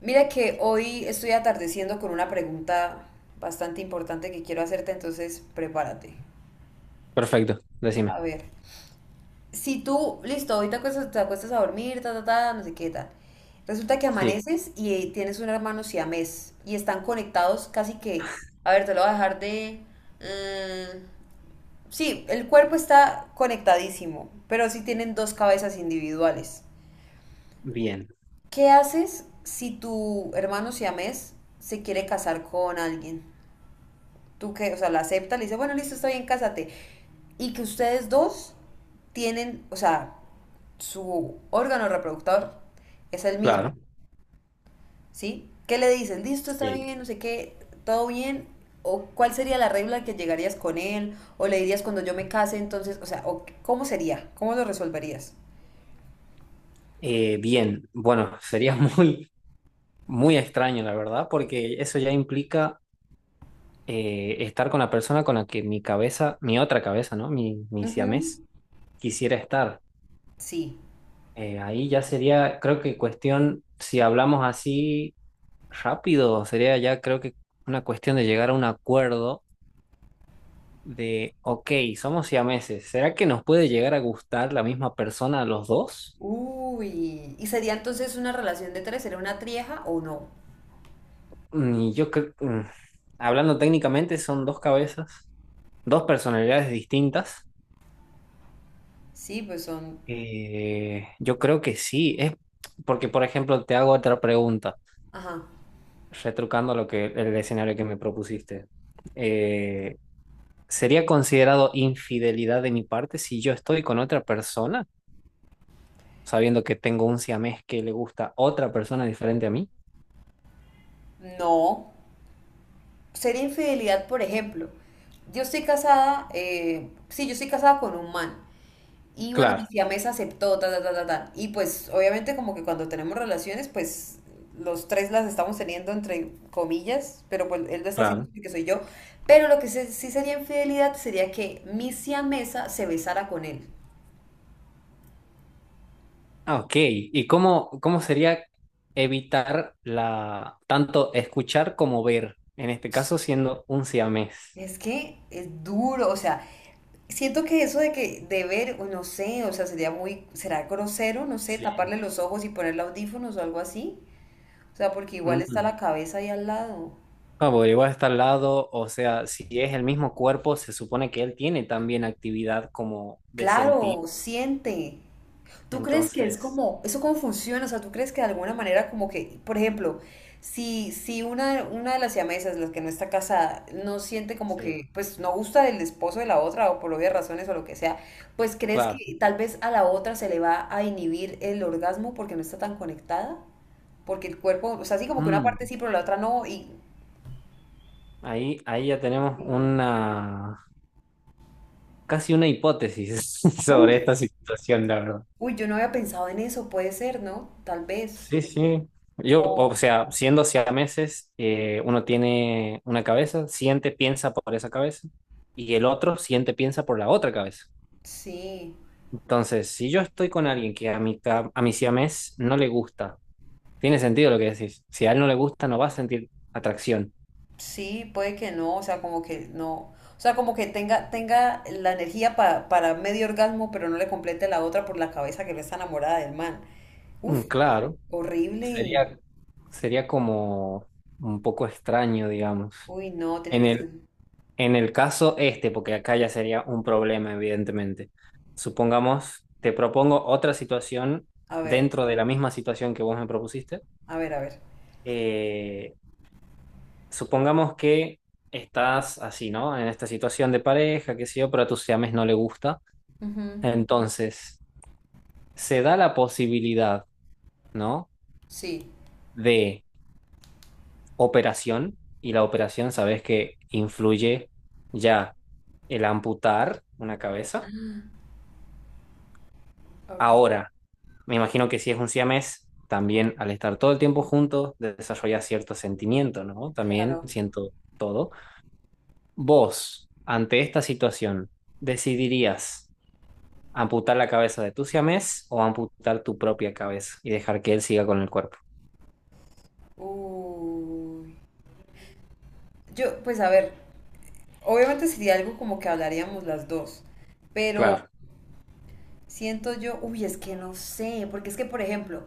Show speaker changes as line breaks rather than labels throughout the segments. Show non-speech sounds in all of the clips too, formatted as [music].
Mira que hoy estoy atardeciendo con una pregunta bastante importante que quiero hacerte, entonces prepárate.
Perfecto, decime.
A ver, si tú, listo, hoy te acuestas, a dormir, ta, ta, ta, no sé qué tal. Resulta que
Sí,
amaneces y tienes un hermano siamés y están conectados casi que, a ver, te lo voy a dejar de... mm, sí, el cuerpo está conectadísimo, pero sí tienen dos cabezas individuales.
bien,
¿Qué haces si tu hermano siamés se quiere casar con alguien? Tú que, o sea, la acepta, le dice, bueno, listo, está bien, cásate. Y que ustedes dos tienen, o sea, su órgano reproductor es el mismo,
claro.
¿sí? ¿Qué le dices? Listo, está
Sí.
bien, no sé qué, todo bien. ¿O cuál sería la regla que llegarías con él? ¿O le dirías cuando yo me case, entonces, o sea, o cómo sería? ¿Cómo lo resolverías?
Bien, bueno, sería [laughs] muy extraño, la verdad, porque eso ya implica estar con la persona con la que mi cabeza, mi otra cabeza, ¿no? Mi
Ujú.
siamés quisiera estar.
Sí.
Ahí ya sería, creo que cuestión, si hablamos así rápido, sería ya creo que una cuestión de llegar a un acuerdo de, ok, somos siameses, ¿será que nos puede llegar a gustar la misma persona a los dos?
Uy. ¿Y sería entonces una relación de tres? ¿Sería una trieja o no?
Y yo creo, hablando técnicamente, son dos cabezas, dos personalidades distintas.
Sí, pues son...
Yo creo que sí, es porque, por ejemplo, te hago otra pregunta,
Ajá.
retrucando lo que el escenario que me propusiste. Eh, ¿Sería considerado infidelidad de mi parte si yo estoy con otra persona, sabiendo que tengo un siamés que le gusta otra persona diferente a mí?
No. Sería infidelidad, por ejemplo. Yo estoy casada, sí, yo estoy casada con un man. Y bueno, mi
Claro,
siamesa aceptó, ta, ta, ta, ta, ta. Y pues, obviamente, como que cuando tenemos relaciones, pues los tres las estamos teniendo entre comillas, pero pues él lo está haciendo
claro.
porque soy yo. Pero sí sería infidelidad sería que mi siamesa se besara con él.
Ah, ok, ¿y cómo sería evitar la tanto escuchar como ver? En este caso siendo un siamés.
Es que es duro, o sea, siento que eso de ver, o no sé, o sea, sería muy, será grosero, no sé, taparle
Sí.
los ojos y ponerle audífonos o algo así. O sea, porque igual está
Mm.
la cabeza ahí al lado.
Ah, porque igual está al lado, o sea, si es el mismo cuerpo, se supone que él tiene también actividad como de sentir.
Claro, siente. ¿Tú crees que es
Entonces,
como, eso cómo funciona? O sea, ¿tú crees que de alguna manera como que, por ejemplo, si una de las siamesas, las que no está casada, no siente como
sí,
que, pues no gusta del esposo de la otra o por obvias razones o lo que sea, pues crees
claro.
que tal vez a la otra se le va a inhibir el orgasmo porque no está tan conectada? Porque el cuerpo, o sea, así como que una
Mm.
parte sí, pero la otra no, y...
Ahí ya tenemos
y-
una casi una hipótesis [laughs]
uf,
sobre esta situación, la verdad.
uy, yo no había pensado en eso, puede ser, ¿no? Tal vez.
Sí, sí. Yo, o
O
sea, siendo siameses, uno tiene una cabeza, siente, piensa por esa cabeza, y el otro siente, piensa por la otra cabeza.
sí.
Entonces, si yo estoy con alguien que a mi siamés no le gusta, tiene sentido lo que decís. Si a él no le gusta, no va a sentir atracción.
Sí, puede que no, o sea, como que no, o sea, como que tenga, tenga la energía para medio orgasmo, pero no le complete la otra por la cabeza que no está enamorada del man. Uf,
Claro,
horrible.
sería, sería como un poco extraño, digamos.
Uy, no, tiene
En
que ser.
el, En el caso este, porque acá ya sería un problema, evidentemente. Supongamos, te propongo otra situación
A ver,
dentro de la misma situación que vos me propusiste.
a ver, a ver.
Eh, Supongamos que estás así, ¿no? En esta situación de pareja, qué sé yo, pero a tus siames no le gusta.
Ujú,
Entonces, se da la posibilidad, ¿no?
sí,
De operación, y la operación sabes que influye ya el amputar una cabeza.
ok,
Ahora, me imagino que si es un siamés, también al estar todo el tiempo juntos, desarrolla cierto sentimiento, ¿no? También
claro.
siento todo. Vos, ante esta situación, ¿decidirías amputar la cabeza de tu siamés o amputar tu propia cabeza y dejar que él siga con el cuerpo?
Uy. Yo, pues a ver, obviamente sería algo como que hablaríamos las dos, pero
Claro,
siento yo, uy, es que no sé, porque es que, por ejemplo,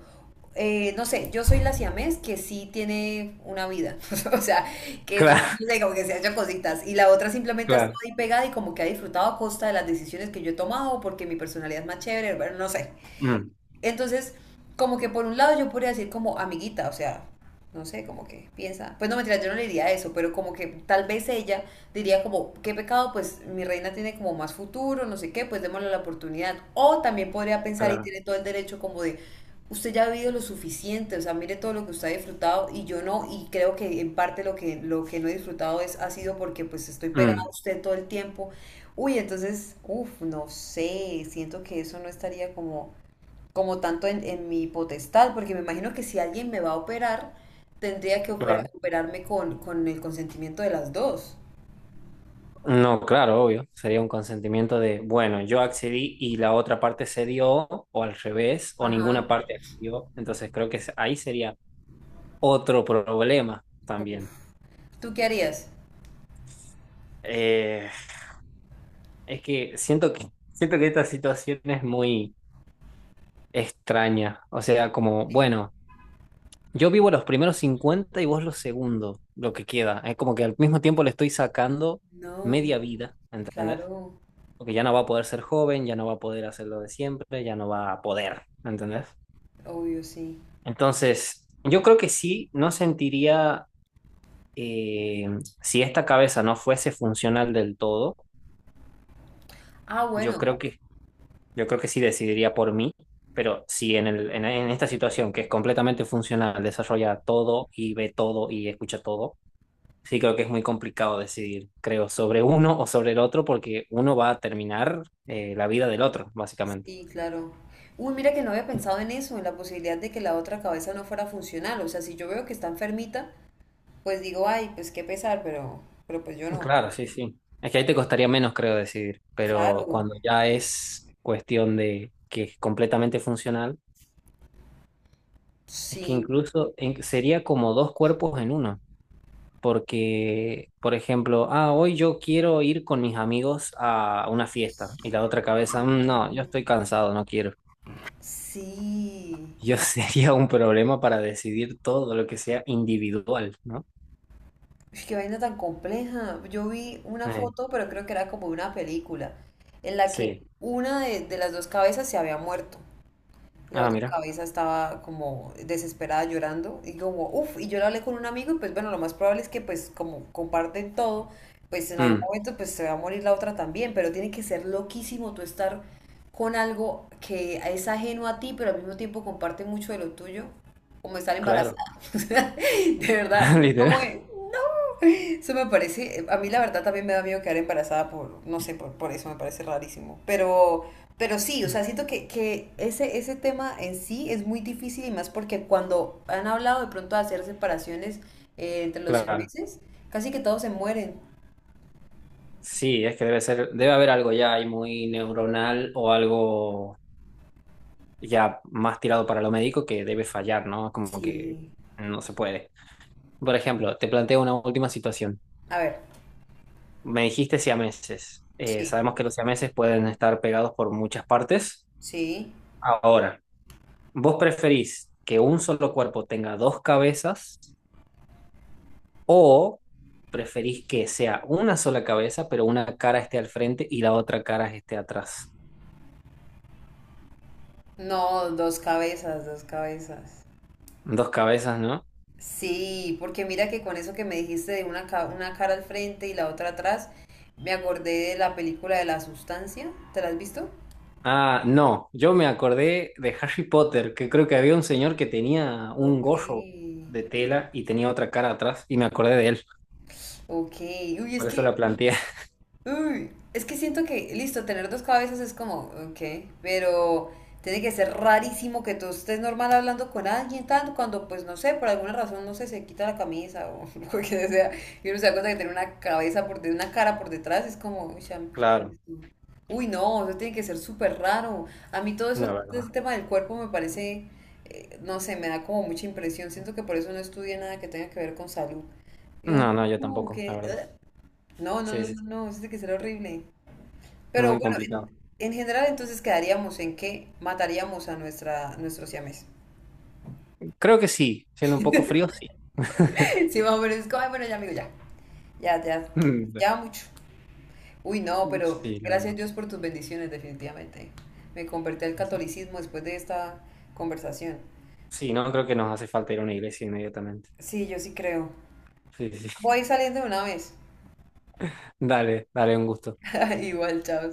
no sé, yo soy la siamés que sí tiene una vida, [laughs] o sea, que sí,
claro,
tiene como que se ha hecho cositas, y la otra simplemente ha estado
[laughs] claro.
ahí pegada y como que ha disfrutado a costa de las decisiones que yo he tomado, porque mi personalidad es más chévere, bueno, no sé.
Mm,
Entonces, como que por un lado yo podría decir como amiguita, o sea, no sé, como que piensa, pues no mentira, yo no le diría eso, pero como que tal vez ella diría como, qué pecado, pues mi reina tiene como más futuro, no sé qué, pues démosle la oportunidad. O también podría pensar y
claro,
tiene todo el derecho como de, usted ya ha vivido lo suficiente, o sea, mire todo lo que usted ha disfrutado y yo no, y creo que en parte lo que no he disfrutado es, ha sido porque pues estoy pegada a
mm,
usted todo el tiempo. Uy, entonces, uff, no sé, siento que eso no estaría como como tanto en mi potestad, porque me imagino que si alguien me va a operar, tendría que
claro.
operarme con el consentimiento de las dos.
No, claro, obvio. Sería un consentimiento de, bueno, yo accedí y la otra parte cedió, o al revés, o
Ajá.
ninguna parte accedió. Entonces creo que ahí sería otro problema
Uf,
también.
¿tú qué harías?
Eh, es que siento que esta situación es muy extraña. O sea, como, bueno, yo vivo los primeros 50 y vos los segundos, lo que queda. Es como que al mismo tiempo le estoy sacando media
No,
vida, ¿entendés?
claro,
Porque ya no va a poder ser joven, ya no va a poder hacer lo de siempre, ya no va a poder, ¿entendés?
obvio, sí.
Entonces, yo creo que sí, no sentiría, eh, si esta cabeza no fuese funcional del todo,
Ah,
yo
bueno,
creo que yo creo que sí decidiría por mí, pero si en en esta situación que es completamente funcional, desarrolla todo y ve todo y escucha todo, sí creo que es muy complicado decidir, creo, sobre uno o sobre el otro, porque uno va a terminar la vida del otro, básicamente.
sí, claro. Uy, mira que no había pensado en eso, en la posibilidad de que la otra cabeza no fuera funcional. O sea, si yo veo que está enfermita, pues digo, ay, pues qué pesar, pero pues yo no.
Claro, sí, sí. Es que ahí te costaría menos, creo, decidir, pero
Claro,
cuando ya es cuestión de que es completamente funcional, es que
sí,
sería como dos cuerpos en uno. Porque, por ejemplo, ah, hoy yo quiero ir con mis amigos a una fiesta y la otra cabeza, "Mm, no, yo estoy cansado, no quiero."
sí.
Yo [laughs] sería un problema para decidir todo lo que sea individual, ¿no?
Ush, qué vaina tan compleja. Yo vi una
Eh,
foto, pero creo que era como una película, en la que
sí.
una de las dos cabezas se había muerto y la
Ah,
otra
mira.
cabeza estaba como desesperada llorando y como, uff, y yo lo hablé con un amigo y pues bueno, lo más probable es que pues como comparten todo, pues en algún
Mm,
momento pues se va a morir la otra también, pero tiene que ser loquísimo tú estar con algo que es ajeno a ti, pero al mismo tiempo comparte mucho de lo tuyo, como estar embarazada.
claro.
[laughs] O sea, de verdad,
[laughs] Literal.
como que eso me parece, a mí la verdad también me da miedo quedar embarazada por, no sé, por eso me parece rarísimo. Pero sí, o sea, siento que ese tema en sí es muy difícil y más porque cuando han hablado de pronto de hacer separaciones entre los
Claro.
siameses, casi que todos se mueren.
Sí, es que debe ser, debe haber algo ya ahí muy neuronal o algo ya más tirado para lo médico que debe fallar, ¿no? Como que
Sí.
no se puede. Por ejemplo, te planteo una última situación.
A ver,
Me dijiste siameses.
sí,
Sabemos que los siameses pueden estar pegados por muchas partes.
sí.
Ahora, ¿vos preferís que un solo cuerpo tenga dos cabezas o preferís que sea una sola cabeza, pero una cara esté al frente y la otra cara esté atrás?
No, dos cabezas, dos cabezas.
Dos cabezas, ¿no?
Sí, porque mira que con eso que me dijiste de una, una cara al frente y la otra atrás, me acordé de la película de La Sustancia. ¿Te la has visto?
Ah, no, yo me acordé de Harry Potter, que creo que había un señor que tenía un
Ok,
gorro de tela y tenía otra cara atrás y me acordé de él.
ok. Uy, es
Por eso la
que
planteé. [laughs]
uy, es que siento que, listo, tener dos cabezas es como, ok, pero tiene que ser rarísimo que tú estés normal hablando con alguien tanto cuando, pues no sé, por alguna razón, no sé, se quita la camisa o [laughs] lo que sea, y uno se da cuenta que tiene una cabeza por de una cara por detrás, es como, uy, chamo, pues, ¿qué es
Claro,
esto? Uy, no, eso tiene que ser súper raro. A mí todo eso,
la
ese
verdad.
tema del cuerpo me parece, no sé, me da como mucha impresión. Siento que por eso no estudié nada que tenga que ver con salud. Y uno,
No, no, yo
como
tampoco, la
que,
verdad.
no, no,
Sí,
no,
sí,
no, no, eso tiene que ser horrible. Pero
muy
bueno,
complicado.
en general entonces quedaríamos en que mataríamos a nuestra, nuestro siamés.
Creo que sí, siendo un poco frío, sí. [laughs]
[laughs] Sí, más o menos, es como, "Ay, bueno, ya amigo, ya, ya, ya,
Mm,
ya mucho." Uy, no, pero
sí, la
gracias
verdad.
Dios por tus bendiciones, definitivamente. Me convertí al catolicismo después de esta conversación.
Sí, no, creo que nos hace falta ir a una iglesia inmediatamente.
Sí, yo sí creo.
Sí, sí.
Voy
[laughs]
saliendo de una vez.
Dale, dale, un gusto.
[laughs] Igual, chao.